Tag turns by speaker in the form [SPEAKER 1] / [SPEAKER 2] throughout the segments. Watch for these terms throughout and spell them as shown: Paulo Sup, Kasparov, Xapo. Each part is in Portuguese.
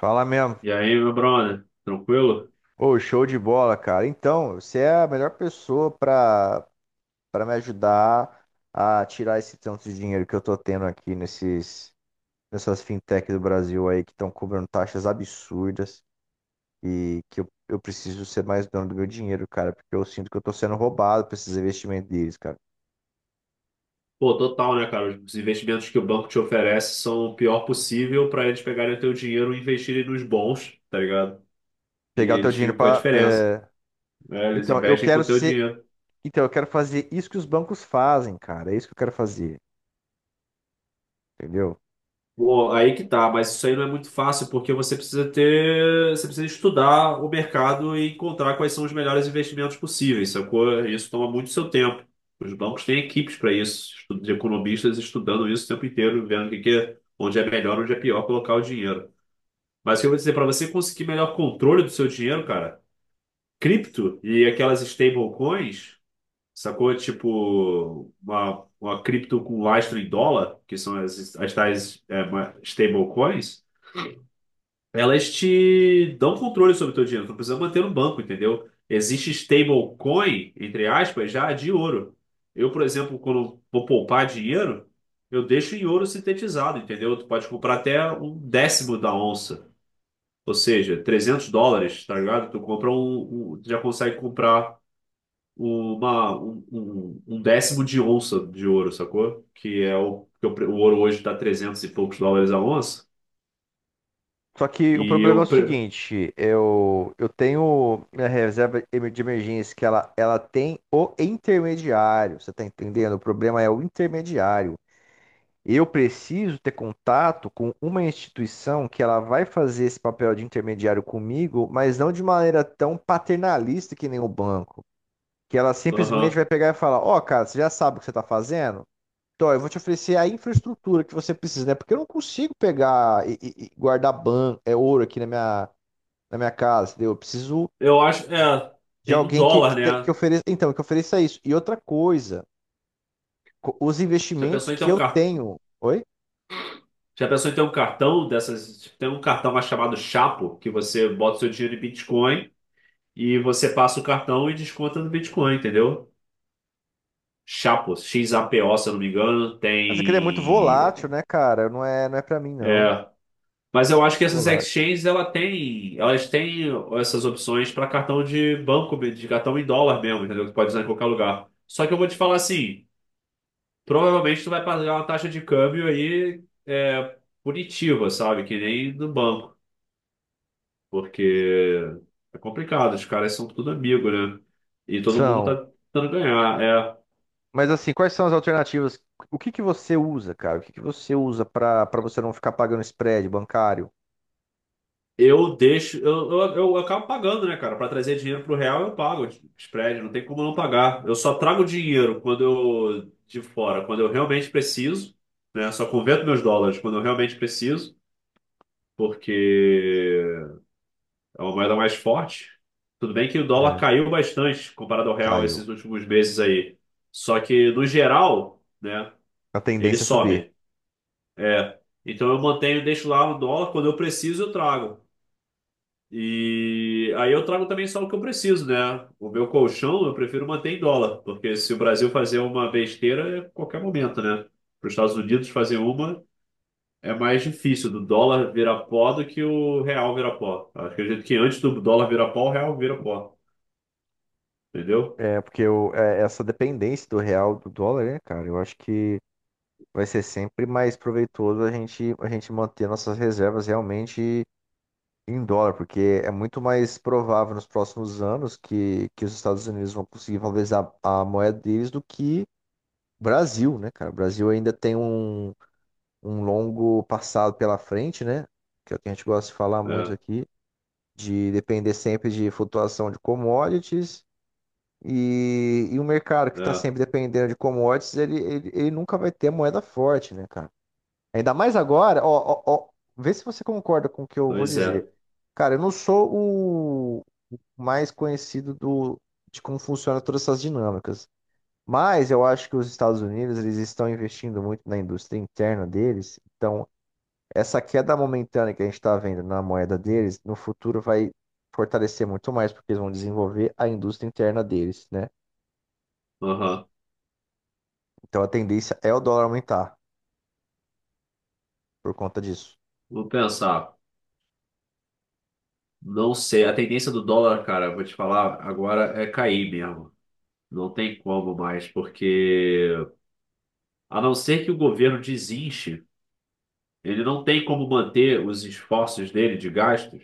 [SPEAKER 1] Fala mesmo.
[SPEAKER 2] E aí, meu brother, tranquilo?
[SPEAKER 1] Ô, show de bola, cara. Então, você é a melhor pessoa pra para me ajudar a tirar esse tanto de dinheiro que eu tô tendo aqui nesses nessas fintech do Brasil aí que estão cobrando taxas absurdas e que eu preciso ser mais dono do meu dinheiro, cara, porque eu sinto que eu tô sendo roubado por esses investimentos deles, cara.
[SPEAKER 2] Pô, total, né, cara? Os investimentos que o banco te oferece são o pior possível para eles pegarem o teu dinheiro e investirem nos bons, tá ligado? E
[SPEAKER 1] Pegar o teu
[SPEAKER 2] eles
[SPEAKER 1] dinheiro
[SPEAKER 2] ficam com a
[SPEAKER 1] pra.
[SPEAKER 2] diferença,
[SPEAKER 1] É.
[SPEAKER 2] né? Eles
[SPEAKER 1] Então, eu
[SPEAKER 2] investem com
[SPEAKER 1] quero
[SPEAKER 2] o teu
[SPEAKER 1] ser.
[SPEAKER 2] dinheiro.
[SPEAKER 1] Então, eu quero fazer isso que os bancos fazem, cara. É isso que eu quero fazer, entendeu?
[SPEAKER 2] Pô, aí que tá, mas isso aí não é muito fácil porque você precisa estudar o mercado e encontrar quais são os melhores investimentos possíveis, sacou? Isso toma muito seu tempo. Os bancos têm equipes para isso, de economistas estudando isso o tempo inteiro, vendo o que que é, onde é melhor, onde é pior colocar o dinheiro. Mas o que eu vou dizer, para você conseguir melhor controle do seu dinheiro, cara, cripto e aquelas stablecoins, sacou? Tipo, uma cripto com lastro em dólar, que são as tais stablecoins, elas te dão controle sobre o teu dinheiro. Tu não precisa manter no banco, entendeu? Existe stablecoin, entre aspas, já de ouro. Eu, por exemplo, quando vou poupar dinheiro, eu deixo em ouro sintetizado, entendeu? Tu pode comprar até um décimo da onça. Ou seja, US$ 300, tá ligado? Tu compra tu já consegue comprar um décimo de onça de ouro, sacou? Que é o pre- O ouro hoje tá 300 e poucos dólares a onça.
[SPEAKER 1] Só que o
[SPEAKER 2] E
[SPEAKER 1] problema é o
[SPEAKER 2] eu, pre-
[SPEAKER 1] seguinte, eu tenho minha reserva de emergência que ela tem o intermediário, você tá entendendo? O problema é o intermediário. Eu preciso ter contato com uma instituição que ela vai fazer esse papel de intermediário comigo, mas não de maneira tão paternalista que nem o banco, que ela simplesmente
[SPEAKER 2] aham.
[SPEAKER 1] vai pegar e falar, ó, cara, você já sabe o que você está fazendo? Então, eu vou te oferecer a infraestrutura que você precisa, né? Porque eu não consigo pegar e, e guardar ouro aqui na minha casa, entendeu? Eu preciso
[SPEAKER 2] Eu acho,
[SPEAKER 1] de
[SPEAKER 2] tem do
[SPEAKER 1] alguém que, que,
[SPEAKER 2] dólar,
[SPEAKER 1] te- que
[SPEAKER 2] né?
[SPEAKER 1] ofereça, então, que ofereça isso. E outra coisa, os
[SPEAKER 2] Já
[SPEAKER 1] investimentos
[SPEAKER 2] pensou em ter
[SPEAKER 1] que
[SPEAKER 2] um
[SPEAKER 1] eu
[SPEAKER 2] car...
[SPEAKER 1] tenho. Oi?
[SPEAKER 2] Já pensou em ter um cartão dessas, tipo, tem um cartão mais chamado Chapo, que você bota seu dinheiro em Bitcoin e você passa o cartão e desconta no Bitcoin, entendeu? Xapo, XAPO, se eu não me engano,
[SPEAKER 1] Mas aquele é muito volátil,
[SPEAKER 2] tem.
[SPEAKER 1] né, cara? Não é, não é para mim, não.
[SPEAKER 2] É. Mas eu acho que essas
[SPEAKER 1] Volátil.
[SPEAKER 2] exchanges elas têm essas opções para cartão de banco, de cartão em dólar mesmo, entendeu? Que pode usar em qualquer lugar. Só que eu vou te falar assim, provavelmente tu vai pagar uma taxa de câmbio aí punitiva, sabe? Que nem no banco, porque é complicado, os caras são tudo amigo, né? E todo mundo
[SPEAKER 1] São.
[SPEAKER 2] tá tentando ganhar. É.
[SPEAKER 1] Mas assim, quais são as alternativas? O que que você usa, cara? O que que você usa para você não ficar pagando spread bancário?
[SPEAKER 2] Eu deixo, eu acabo pagando, né, cara? Para trazer dinheiro pro real, eu pago spread, não tem como não pagar. Eu só trago dinheiro quando eu realmente preciso, né? Só converto meus dólares quando eu realmente preciso, porque é uma moeda mais forte. Tudo bem que o dólar
[SPEAKER 1] É.
[SPEAKER 2] caiu bastante comparado ao real
[SPEAKER 1] Caiu.
[SPEAKER 2] esses últimos meses aí. Só que no geral, né,
[SPEAKER 1] A
[SPEAKER 2] ele
[SPEAKER 1] tendência é subir.
[SPEAKER 2] sobe. É. Então eu mantenho, deixo lá o dólar, quando eu preciso, eu trago. E aí eu trago também só o que eu preciso, né? O meu colchão eu prefiro manter em dólar, porque se o Brasil fazer uma besteira, é qualquer momento, né? Para os Estados Unidos fazer uma, É mais difícil do dólar virar pó do que o real virar pó. Acho Eu Acredito que antes do dólar virar pó, o real vira pó, entendeu?
[SPEAKER 1] É, porque essa dependência do real do dólar, né, cara? Eu acho que vai ser sempre mais proveitoso a gente manter nossas reservas realmente em dólar, porque é muito mais provável nos próximos anos que os Estados Unidos vão conseguir valorizar a moeda deles do que o Brasil, né, cara? O Brasil ainda tem um longo passado pela frente, né? Que é o que a gente gosta de falar muito
[SPEAKER 2] É,
[SPEAKER 1] aqui, de depender sempre de flutuação de commodities. E o mercado que está
[SPEAKER 2] é,
[SPEAKER 1] sempre dependendo de commodities, ele nunca vai ter moeda forte, né, cara? Ainda mais agora, ó, ó, ó, vê se você concorda com o que eu vou
[SPEAKER 2] pois é.
[SPEAKER 1] dizer. Cara, eu não sou o mais conhecido de como funciona todas essas dinâmicas, mas eu acho que os Estados Unidos eles estão investindo muito na indústria interna deles, então essa queda momentânea que a gente está vendo na moeda deles, no futuro vai fortalecer muito mais, porque eles vão desenvolver a indústria interna deles, né?
[SPEAKER 2] Aham.
[SPEAKER 1] Então a tendência é o dólar aumentar por conta disso.
[SPEAKER 2] Vou pensar. Não sei, a tendência do dólar, cara, vou te falar, agora é cair mesmo. Não tem como mais, porque a não ser que o governo desinche, ele não tem como manter os esforços dele de gastos,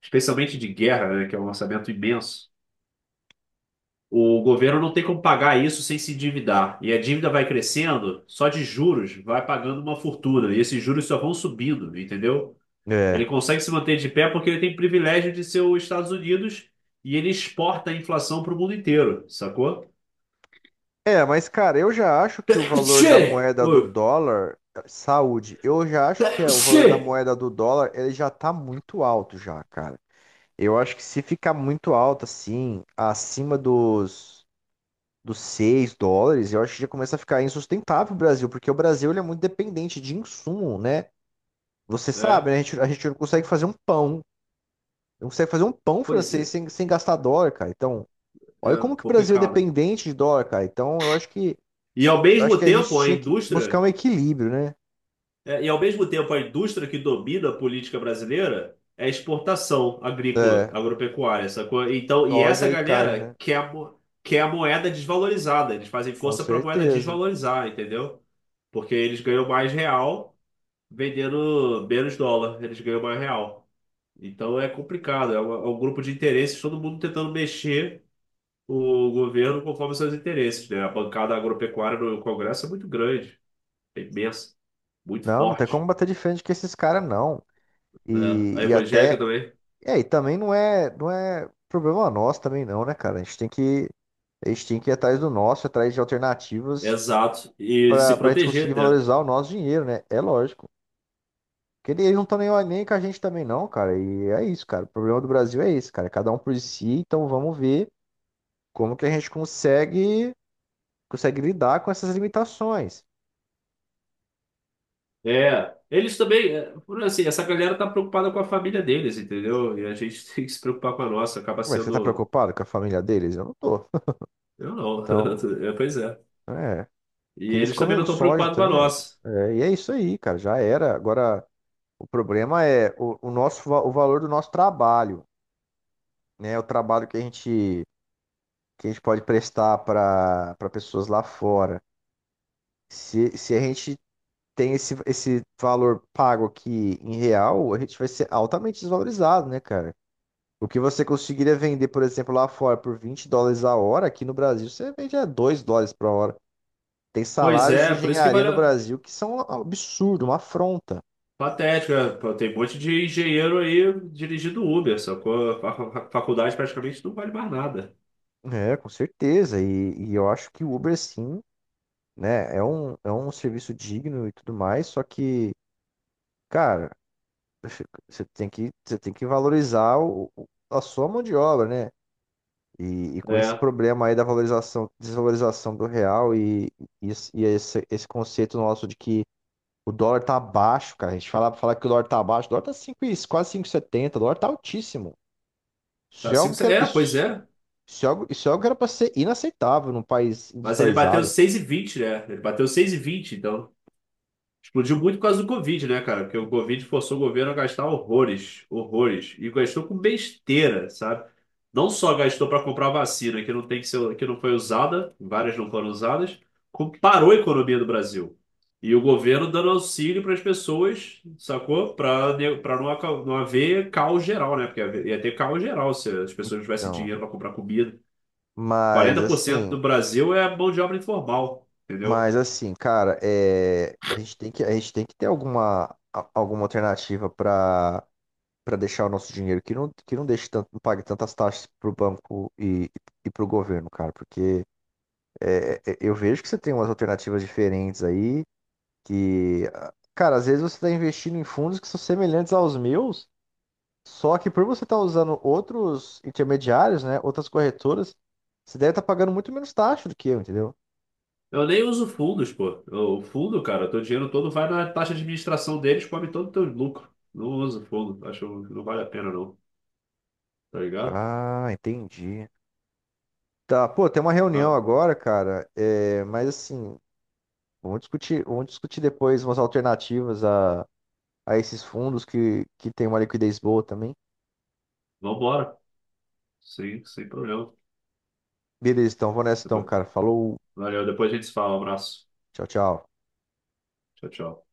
[SPEAKER 2] especialmente de guerra, né, que é um orçamento imenso. O governo não tem como pagar isso sem se endividar. E a dívida vai crescendo, só de juros vai pagando uma fortuna. E esses juros só vão subindo, entendeu? Ele
[SPEAKER 1] É.
[SPEAKER 2] consegue se manter de pé porque ele tem privilégio de ser os Estados Unidos e ele exporta a inflação para o mundo inteiro, sacou?
[SPEAKER 1] É, mas cara, eu já acho que o valor da
[SPEAKER 2] Che!
[SPEAKER 1] moeda do
[SPEAKER 2] Ui,
[SPEAKER 1] dólar, saúde, eu já acho que é o valor
[SPEAKER 2] Che!
[SPEAKER 1] da moeda do dólar, ele já tá muito alto já, cara. Eu acho que se ficar muito alto assim, acima dos US$ 6, eu acho que já começa a ficar insustentável o Brasil, porque o Brasil ele é muito dependente de insumo, né? Você sabe,
[SPEAKER 2] é,
[SPEAKER 1] né? A gente não consegue fazer um pão, não consegue fazer um pão
[SPEAKER 2] Pois
[SPEAKER 1] francês
[SPEAKER 2] é,
[SPEAKER 1] sem gastar dólar, cara. Então, olha
[SPEAKER 2] é
[SPEAKER 1] como que o Brasil é
[SPEAKER 2] complicado.
[SPEAKER 1] dependente de dólar, cara. Então, eu acho que
[SPEAKER 2] E ao
[SPEAKER 1] Eu acho
[SPEAKER 2] mesmo
[SPEAKER 1] que a gente
[SPEAKER 2] tempo, a
[SPEAKER 1] tinha que buscar
[SPEAKER 2] indústria,
[SPEAKER 1] um equilíbrio, né?
[SPEAKER 2] e ao mesmo tempo, a indústria que domina a política brasileira é a exportação agrícola,
[SPEAKER 1] É,
[SPEAKER 2] agropecuária, sacou? Então, e essa
[SPEAKER 1] soja e carne,
[SPEAKER 2] galera
[SPEAKER 1] né?
[SPEAKER 2] quer a moeda desvalorizada, eles fazem
[SPEAKER 1] Com
[SPEAKER 2] força para a moeda
[SPEAKER 1] certeza.
[SPEAKER 2] desvalorizar, entendeu? Porque eles ganham mais real vendendo menos dólar, eles ganham mais real. Então é complicado, é um grupo de interesses, todo mundo tentando mexer o governo conforme seus interesses, né? A bancada agropecuária no Congresso é muito grande, é imensa, muito
[SPEAKER 1] Não, não tem
[SPEAKER 2] forte,
[SPEAKER 1] como bater de frente com esses caras, não.
[SPEAKER 2] né?
[SPEAKER 1] E,
[SPEAKER 2] A
[SPEAKER 1] e
[SPEAKER 2] evangélica
[SPEAKER 1] até.
[SPEAKER 2] também.
[SPEAKER 1] É, e também não é, não é problema nosso também, não, né, cara? A gente tem que ir atrás do nosso, atrás de alternativas
[SPEAKER 2] Exato, e se
[SPEAKER 1] pra gente
[SPEAKER 2] proteger,
[SPEAKER 1] conseguir
[SPEAKER 2] né?
[SPEAKER 1] valorizar o nosso dinheiro, né? É lógico. Porque eles não estão nem com a gente também, não, cara. E é isso, cara. O problema do Brasil é esse, cara. Cada um por si, então vamos ver como que a gente consegue lidar com essas limitações.
[SPEAKER 2] É, eles também, essa galera tá preocupada com a família deles, entendeu? E a gente tem que se preocupar com a nossa, acaba
[SPEAKER 1] Ué, você tá
[SPEAKER 2] sendo.
[SPEAKER 1] preocupado com a família deles? Eu não tô.
[SPEAKER 2] Eu não,
[SPEAKER 1] Então,
[SPEAKER 2] é, pois é.
[SPEAKER 1] é.
[SPEAKER 2] E
[SPEAKER 1] Que eles
[SPEAKER 2] eles também não
[SPEAKER 1] comem
[SPEAKER 2] estão
[SPEAKER 1] soja,
[SPEAKER 2] preocupados
[SPEAKER 1] tá
[SPEAKER 2] com a
[SPEAKER 1] nem aí, cara.
[SPEAKER 2] nossa.
[SPEAKER 1] É, e é isso aí, cara. Já era. Agora, o problema é o nosso, o valor do nosso trabalho, né? O trabalho que a gente pode prestar para pessoas lá fora. Se a gente tem esse valor pago aqui em real, a gente vai ser altamente desvalorizado, né, cara? O que você conseguiria vender, por exemplo, lá fora por US$ 20 a hora, aqui no Brasil você vende a US$ 2 por hora. Tem
[SPEAKER 2] Pois
[SPEAKER 1] salários de
[SPEAKER 2] é, por isso que
[SPEAKER 1] engenharia
[SPEAKER 2] vale.
[SPEAKER 1] no Brasil que são um absurdo, uma afronta.
[SPEAKER 2] Patético, né? Pô, tem um monte de engenheiro aí dirigindo Uber, só que a faculdade praticamente não vale mais nada.
[SPEAKER 1] É, com certeza. E eu acho que o Uber, sim, né, é um serviço digno e tudo mais, só que, cara, você tem que valorizar a sua mão de obra, né? E com esse
[SPEAKER 2] É,
[SPEAKER 1] problema aí da valorização, desvalorização do real e esse conceito nosso de que o dólar tá baixo, cara. A gente fala que o dólar tá baixo. O dólar tá quase 5,70. O dólar tá altíssimo. Isso
[SPEAKER 2] tá
[SPEAKER 1] é algo
[SPEAKER 2] cinco,
[SPEAKER 1] que era,
[SPEAKER 2] pois
[SPEAKER 1] isso,
[SPEAKER 2] é.
[SPEAKER 1] isso é algo que era pra ser inaceitável num país
[SPEAKER 2] Mas ele bateu
[SPEAKER 1] industrializado.
[SPEAKER 2] 6,20, né? Ele bateu seis e vinte, então. Explodiu muito por causa do Covid, né, cara? Porque o Covid forçou o governo a gastar horrores, horrores. E gastou com besteira, sabe? Não só gastou para comprar vacina, que não tem que ser, que não foi usada, várias não foram usadas, como parou a economia do Brasil. E o governo dando auxílio para as pessoas, sacou? Para não não haver caos geral, né? Porque ia ter caos geral se as pessoas não tivessem
[SPEAKER 1] Então,
[SPEAKER 2] dinheiro para comprar comida.
[SPEAKER 1] mas
[SPEAKER 2] 40%
[SPEAKER 1] assim,
[SPEAKER 2] do Brasil é mão de obra informal, entendeu?
[SPEAKER 1] mas assim, cara, a gente tem que ter alguma, alguma alternativa pra para deixar o nosso dinheiro que não deixe tanto, não pague tantas taxas pro banco e pro governo, cara. Porque eu vejo que você tem umas alternativas diferentes aí. Que, cara, às vezes você está investindo em fundos que são semelhantes aos meus, só que por você estar usando outros intermediários, né, outras corretoras, você deve estar pagando muito menos taxa do que eu, entendeu?
[SPEAKER 2] Eu nem uso fundos, pô. O fundo, cara, teu dinheiro todo vai na taxa de administração deles, come todo o teu lucro. Não uso fundo, acho que não vale a pena não, tá ligado?
[SPEAKER 1] Ah, entendi. Tá, pô, tem uma
[SPEAKER 2] Ah,
[SPEAKER 1] reunião agora, cara, mas assim, vamos discutir depois umas alternativas a esses fundos que tem uma liquidez boa também.
[SPEAKER 2] vambora, sim, sem problema.
[SPEAKER 1] Beleza, então, vou nessa então,
[SPEAKER 2] Depois-
[SPEAKER 1] cara. Falou,
[SPEAKER 2] Valeu, depois a gente se fala, um abraço.
[SPEAKER 1] tchau, tchau.
[SPEAKER 2] Tchau, tchau.